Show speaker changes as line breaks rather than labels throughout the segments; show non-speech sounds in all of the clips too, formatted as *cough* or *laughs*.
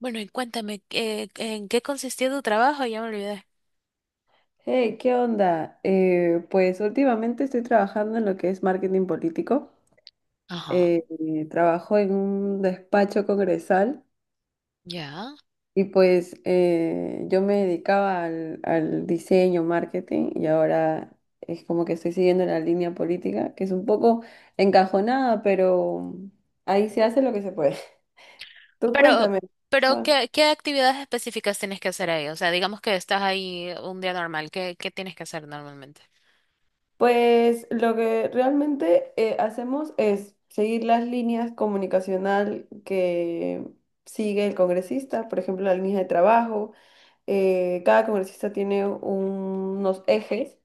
Bueno, y cuéntame, en qué consistía tu trabajo? Ya me olvidé.
Hey, ¿qué onda? Pues últimamente estoy trabajando en lo que es marketing político.
Ajá,
Trabajo en un despacho congresal
ya.
y pues yo me dedicaba al diseño, marketing y ahora es como que estoy siguiendo la línea política, que es un poco encajonada, pero ahí se hace lo que se puede. *laughs* Tú
Pero,
cuéntame.
pero ¿qué actividades específicas tienes que hacer ahí? O sea, digamos que estás ahí un día normal, ¿qué tienes que hacer normalmente?
Pues lo que realmente hacemos es seguir las líneas comunicacional que sigue el congresista, por ejemplo, la línea de trabajo. Cada congresista tiene unos ejes.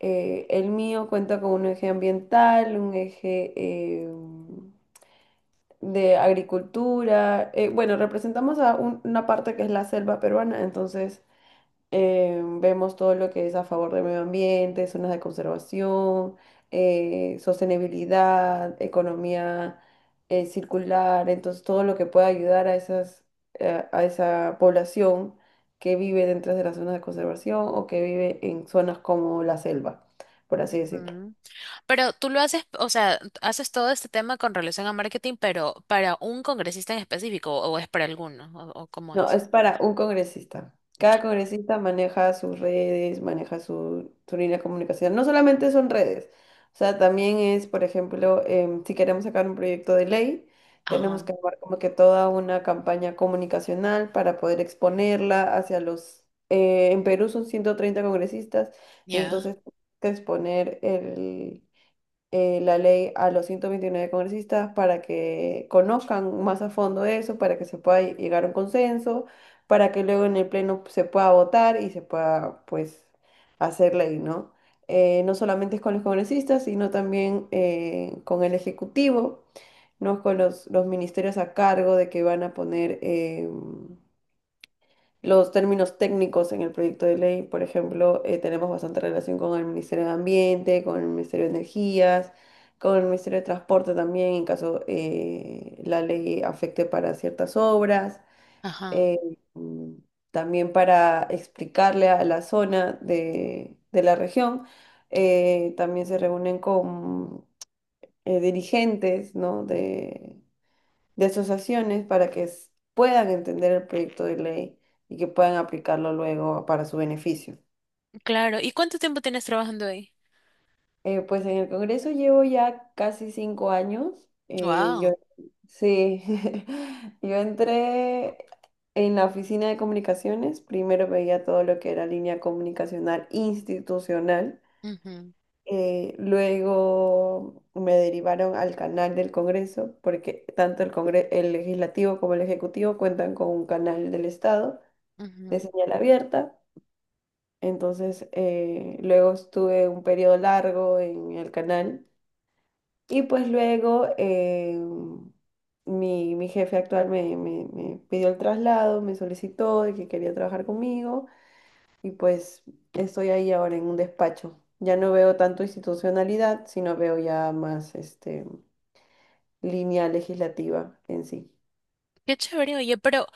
El mío cuenta con un eje ambiental, un eje de agricultura. Bueno, representamos a una parte que es la selva peruana, entonces vemos todo lo que es a favor del medio ambiente, zonas de conservación, sostenibilidad, economía circular, entonces todo lo que pueda ayudar a a esa población que vive dentro de las zonas de conservación o que vive en zonas como la selva, por así decirlo.
Ujú. Pero tú lo haces, o sea, haces todo este tema con relación a marketing, pero para un congresista en específico, o es para alguno, o cómo
No,
es.
es para un congresista. Cada congresista maneja sus redes, maneja su línea de comunicación. No solamente son redes, o sea, también es, por ejemplo, si queremos sacar un proyecto de ley, tenemos
Ajá,
que armar como que toda una campaña comunicacional para poder exponerla en Perú son 130 congresistas,
ya.
entonces que exponer la ley a los 129 congresistas para que conozcan más a fondo eso, para que se pueda llegar a un consenso, para que luego en el pleno se pueda votar y se pueda, pues, hacer ley, ¿no? No solamente es con los congresistas, sino también con el Ejecutivo, ¿no? Es con los ministerios a cargo de que van a los términos técnicos en el proyecto de ley, por ejemplo, tenemos bastante relación con el Ministerio de Ambiente, con el Ministerio de Energías, con el Ministerio de Transporte también, en caso la ley afecte para ciertas obras.
Ajá.
eh, mm, También para explicarle a la zona de la región. También se reúnen con dirigentes, ¿no?, de asociaciones para que puedan entender el proyecto de ley y que puedan aplicarlo luego para su beneficio.
Claro, ¿y cuánto tiempo tienes trabajando ahí?
Pues en el Congreso llevo ya casi 5 años. eh, yo,
Wow.
sí, *laughs* yo entré en la oficina de comunicaciones. Primero veía todo lo que era línea comunicacional institucional. Luego me derivaron al canal del Congreso, porque tanto el Legislativo como el Ejecutivo cuentan con un canal del Estado de señal abierta. Entonces, luego estuve un periodo largo en el canal. Y pues luego mi jefe actual me pidió el traslado, me solicitó de que quería trabajar conmigo. Y pues estoy ahí ahora en un despacho. Ya no veo tanto institucionalidad, sino veo ya más este, línea legislativa en sí.
Qué chévere, oye, pero,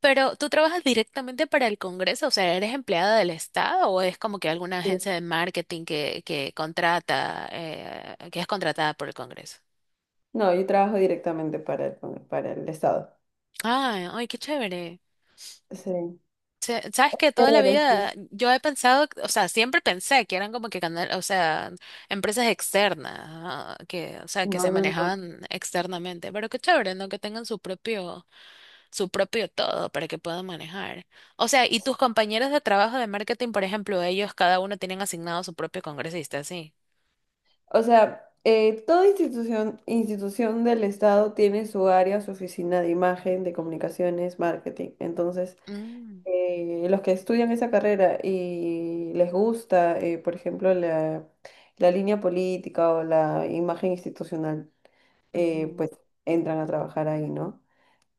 pero ¿tú trabajas directamente para el Congreso? O sea, ¿eres empleada del Estado o es como que alguna
Sí.
agencia de marketing que contrata, que es contratada por el Congreso?
No, yo trabajo directamente para el Estado.
Ay, ay, qué chévere.
Sí.
Sabes que toda la
Chévere, sí.
vida yo he pensado, o sea, siempre pensé que eran como que canal, o sea, empresas externas, ah, que, o sea, que se
No, no, no.
manejaban externamente, pero qué chévere, ¿no? Que tengan su propio todo para que pueda manejar. O sea, y tus compañeros de trabajo de marketing, por ejemplo, ellos cada uno tienen asignado su propio congresista, sí.
O sea, toda institución del Estado tiene su área, su oficina de imagen, de comunicaciones, marketing. Entonces,
Mm,
los que estudian esa carrera y les gusta, por ejemplo, la línea política o la imagen institucional,
ujú.
pues entran a trabajar ahí, ¿no?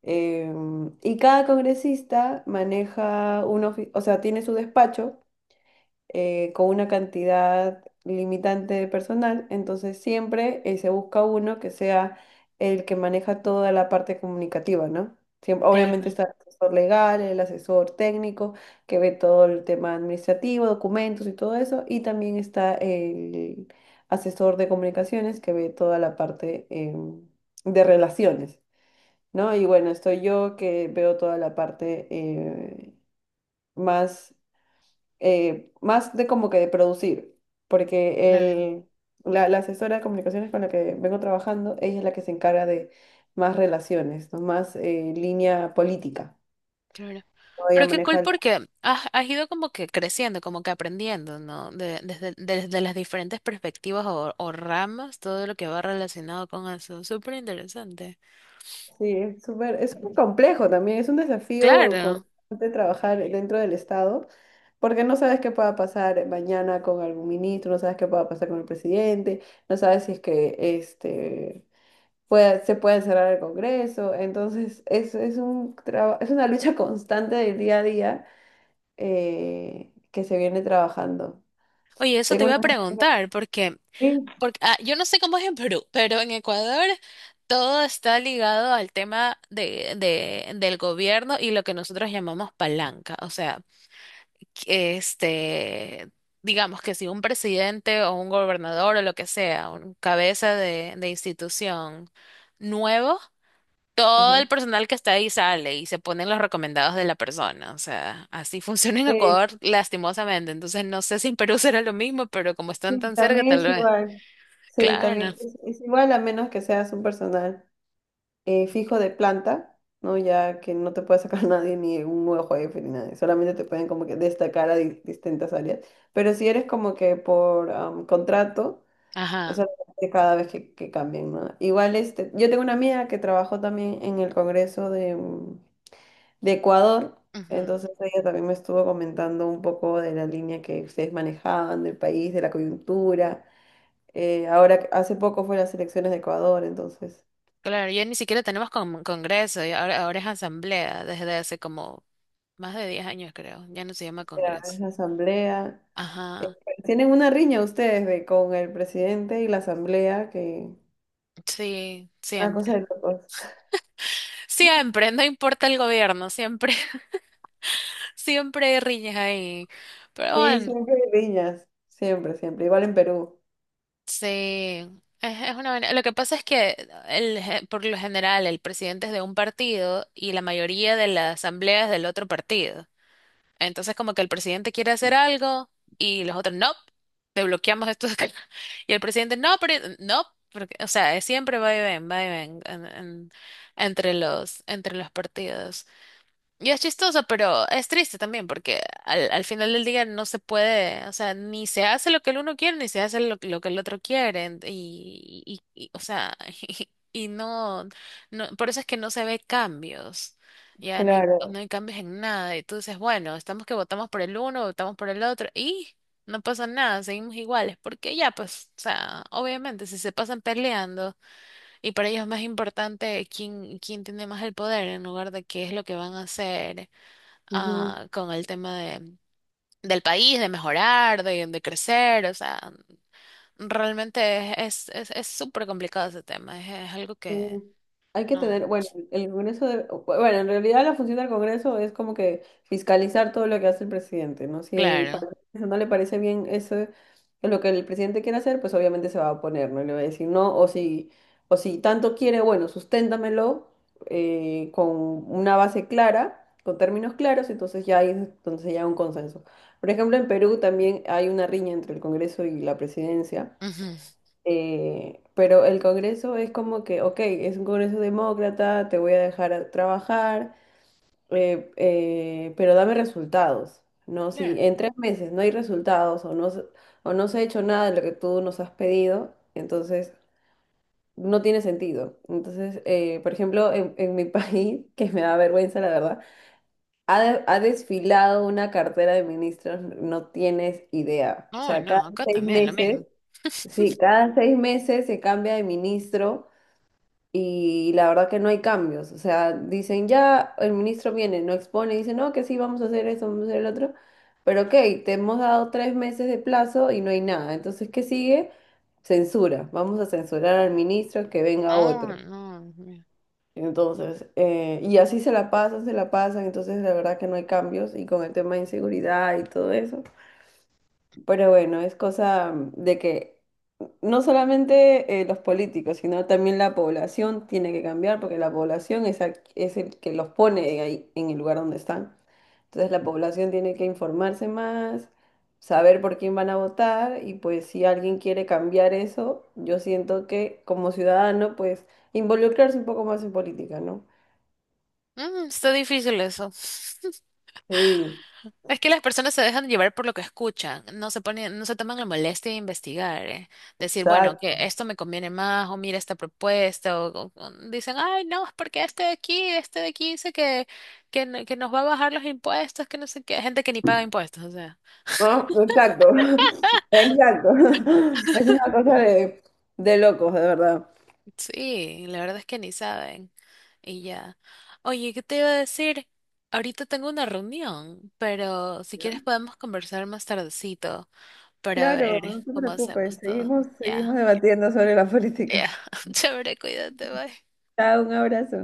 Y cada congresista maneja o sea, tiene su despacho con una cantidad limitante de personal, entonces siempre se busca uno que sea el que maneja toda la parte comunicativa, ¿no? Obviamente
Claro,
está el asesor legal, el asesor técnico, que ve todo el tema administrativo, documentos y todo eso, y también está el asesor de comunicaciones, que ve toda la parte de relaciones, ¿no? Y bueno, estoy yo que veo toda la parte más más de como que de producir, porque
claro,
la asesora de comunicaciones con la que vengo trabajando, ella es la que se encarga de más relaciones, ¿no? Más línea política.
claro.
¿No? Ella
Pero qué cool
maneja, el-
porque has ido como que creciendo, como que aprendiendo, ¿no? Desde, desde las diferentes perspectivas o ramas, todo lo que va relacionado con eso. Súper interesante.
Sí, es súper complejo también, es un desafío
Claro.
constante trabajar dentro del Estado. Porque no sabes qué pueda pasar mañana con algún ministro, no sabes qué pueda pasar con el presidente, no sabes si es que este, se puede cerrar el Congreso. Entonces, es es una lucha *laughs* constante del día a día que se viene trabajando.
Oye, eso
Tengo
te
una.
iba a preguntar, porque
Sí,
porque, ah, yo no sé cómo es en Perú, pero en Ecuador todo está ligado al tema de, del gobierno y lo que nosotros llamamos palanca. O sea, que, este, digamos que si un presidente o un gobernador o lo que sea, un cabeza de institución nuevo, todo
ajá.
el personal que está ahí sale y se ponen los recomendados de la persona. O sea, así *laughs* funciona en
Sí,
Ecuador lastimosamente. Entonces no sé si en Perú será lo mismo, pero como están
sí,
tan cerca,
también
tal
es
vez.
igual. Sí,
Claro.
también es igual a menos que seas un personal fijo de planta, ¿no? Ya que no te puede sacar *laughs* nadie ni un nuevo jefe ni nada, solamente te pueden como que destacar a distintas áreas. Pero si eres como que por contrato,
Ajá.
eso lo que cada vez que cambien, ¿no? Igual, este, yo tengo una amiga que trabajó también en el Congreso de Ecuador,
Ujú.
entonces ella también me estuvo comentando un poco de la línea que ustedes manejaban, del país, de la coyuntura. Ahora, hace poco fue las elecciones de Ecuador, entonces,
Claro, ya ni siquiera tenemos congreso, ya ahora, ahora es asamblea desde hace como más de 10 años, creo. Ya no se llama
era
congreso.
la asamblea. Eh,
Ajá.
Tienen una riña ustedes con el presidente y la asamblea, que
Sí,
una cosa
siempre.
de locos. *laughs*
Siempre, no importa el gobierno, siempre, *laughs* siempre hay riñas ahí. Pero
Sí,
bueno,
siempre hay riñas, siempre, siempre, igual en Perú.
sí. Es una, vaina. Lo que pasa es que el, por lo general el presidente es de un partido y la mayoría de las asambleas del otro partido. Entonces, como que el presidente quiere hacer algo y los otros, no, te bloqueamos esto de acá". *laughs* Y el presidente, no, pero no, porque, o sea, es siempre va y ven entre los partidos. Y es chistoso, pero es triste también, porque al, al final del día no se puede, o sea, ni se hace lo que el uno quiere, ni se hace lo que el otro quiere, o sea, *laughs* y, no, no, por eso es que no se ve cambios, ya no hay, no
Claro.
hay cambios en nada, y tú dices, bueno, estamos que votamos por el uno, votamos por el otro, y no pasa nada, seguimos iguales, porque ya, pues, o sea, obviamente, si se pasan peleando, y para ellos es más importante quién, quién tiene más el poder en lugar de qué es lo que van a hacer
Ujú.
ah, con el tema de, del país, de mejorar, de crecer. O sea, realmente es súper complicado ese tema. Es algo
Sí.
que
Hay que
no.
tener, bueno, en realidad la función del Congreso es como que fiscalizar todo lo que hace el presidente, ¿no? Si
Claro.
para el Congreso no le parece bien lo que el presidente quiere hacer, pues obviamente se va a oponer, ¿no? Y le va a decir no, o si tanto quiere, bueno, susténtamelo con una base clara, con términos claros, entonces ya hay un consenso. Por ejemplo, en Perú también hay una riña entre el Congreso y la presidencia.
Ujú,
Pero el Congreso es como que, ok, es un Congreso demócrata, te voy a dejar a trabajar, pero dame resultados, ¿no? Si
claro.
en 3 meses no hay resultados o no, o no se ha hecho nada de lo que tú nos has pedido, entonces no tiene sentido. Entonces, por ejemplo, en mi *laughs* país, que me da vergüenza, la verdad, ha desfilado una cartera de ministros, no tienes idea. O
No,
sea, cada
no, acá
seis
también, lo
meses...
mismo.
Sí,
*laughs*
cada 6 meses se cambia de ministro y la verdad que no hay cambios. O sea, dicen ya, el ministro viene, no expone, dice no, que sí, vamos a hacer esto, vamos a hacer el otro. Pero ok, te hemos dado 3 meses de plazo y no hay nada. Entonces, ¿qué sigue? Censura. Vamos a censurar al ministro que venga
Oh,
otro.
no. Dios mío.
Entonces, y así se la pasan, se la pasan. Entonces, la verdad que no hay cambios y con el tema de inseguridad y todo eso. Pero bueno, es cosa de que no solamente los políticos, sino también la población tiene que cambiar porque la población es el que los pone ahí en el lugar donde están. Entonces la población tiene que informarse más, saber por quién van a votar y pues si alguien quiere cambiar eso, yo siento que como ciudadano pues involucrarse un poco más en política, ¿no?
Mm, está difícil eso.
Sí,
Es que las personas se dejan llevar por lo que escuchan, no se ponen, no se toman la molestia de investigar, eh. Decir, bueno, que
exacto.
esto me conviene más, o mira esta propuesta, o dicen, ay, no, es porque este de aquí dice que, que nos va a bajar los impuestos, que no sé qué, gente que ni paga impuestos, o sea,
Ah, exacto, *laughs* exacto. *laughs* Es una cosa de locos, de verdad.
sí, la verdad es que ni saben, y ya. Oye, ¿qué te iba a decir? Ahorita tengo una reunión, pero si quieres podemos conversar más tardecito para
Claro,
ver
no te
cómo
preocupes,
hacemos todo.
seguimos
Ya.
debatiendo sobre la
Ya,
política.
*laughs* chévere, cuídate, bye.
Chao, un abrazo.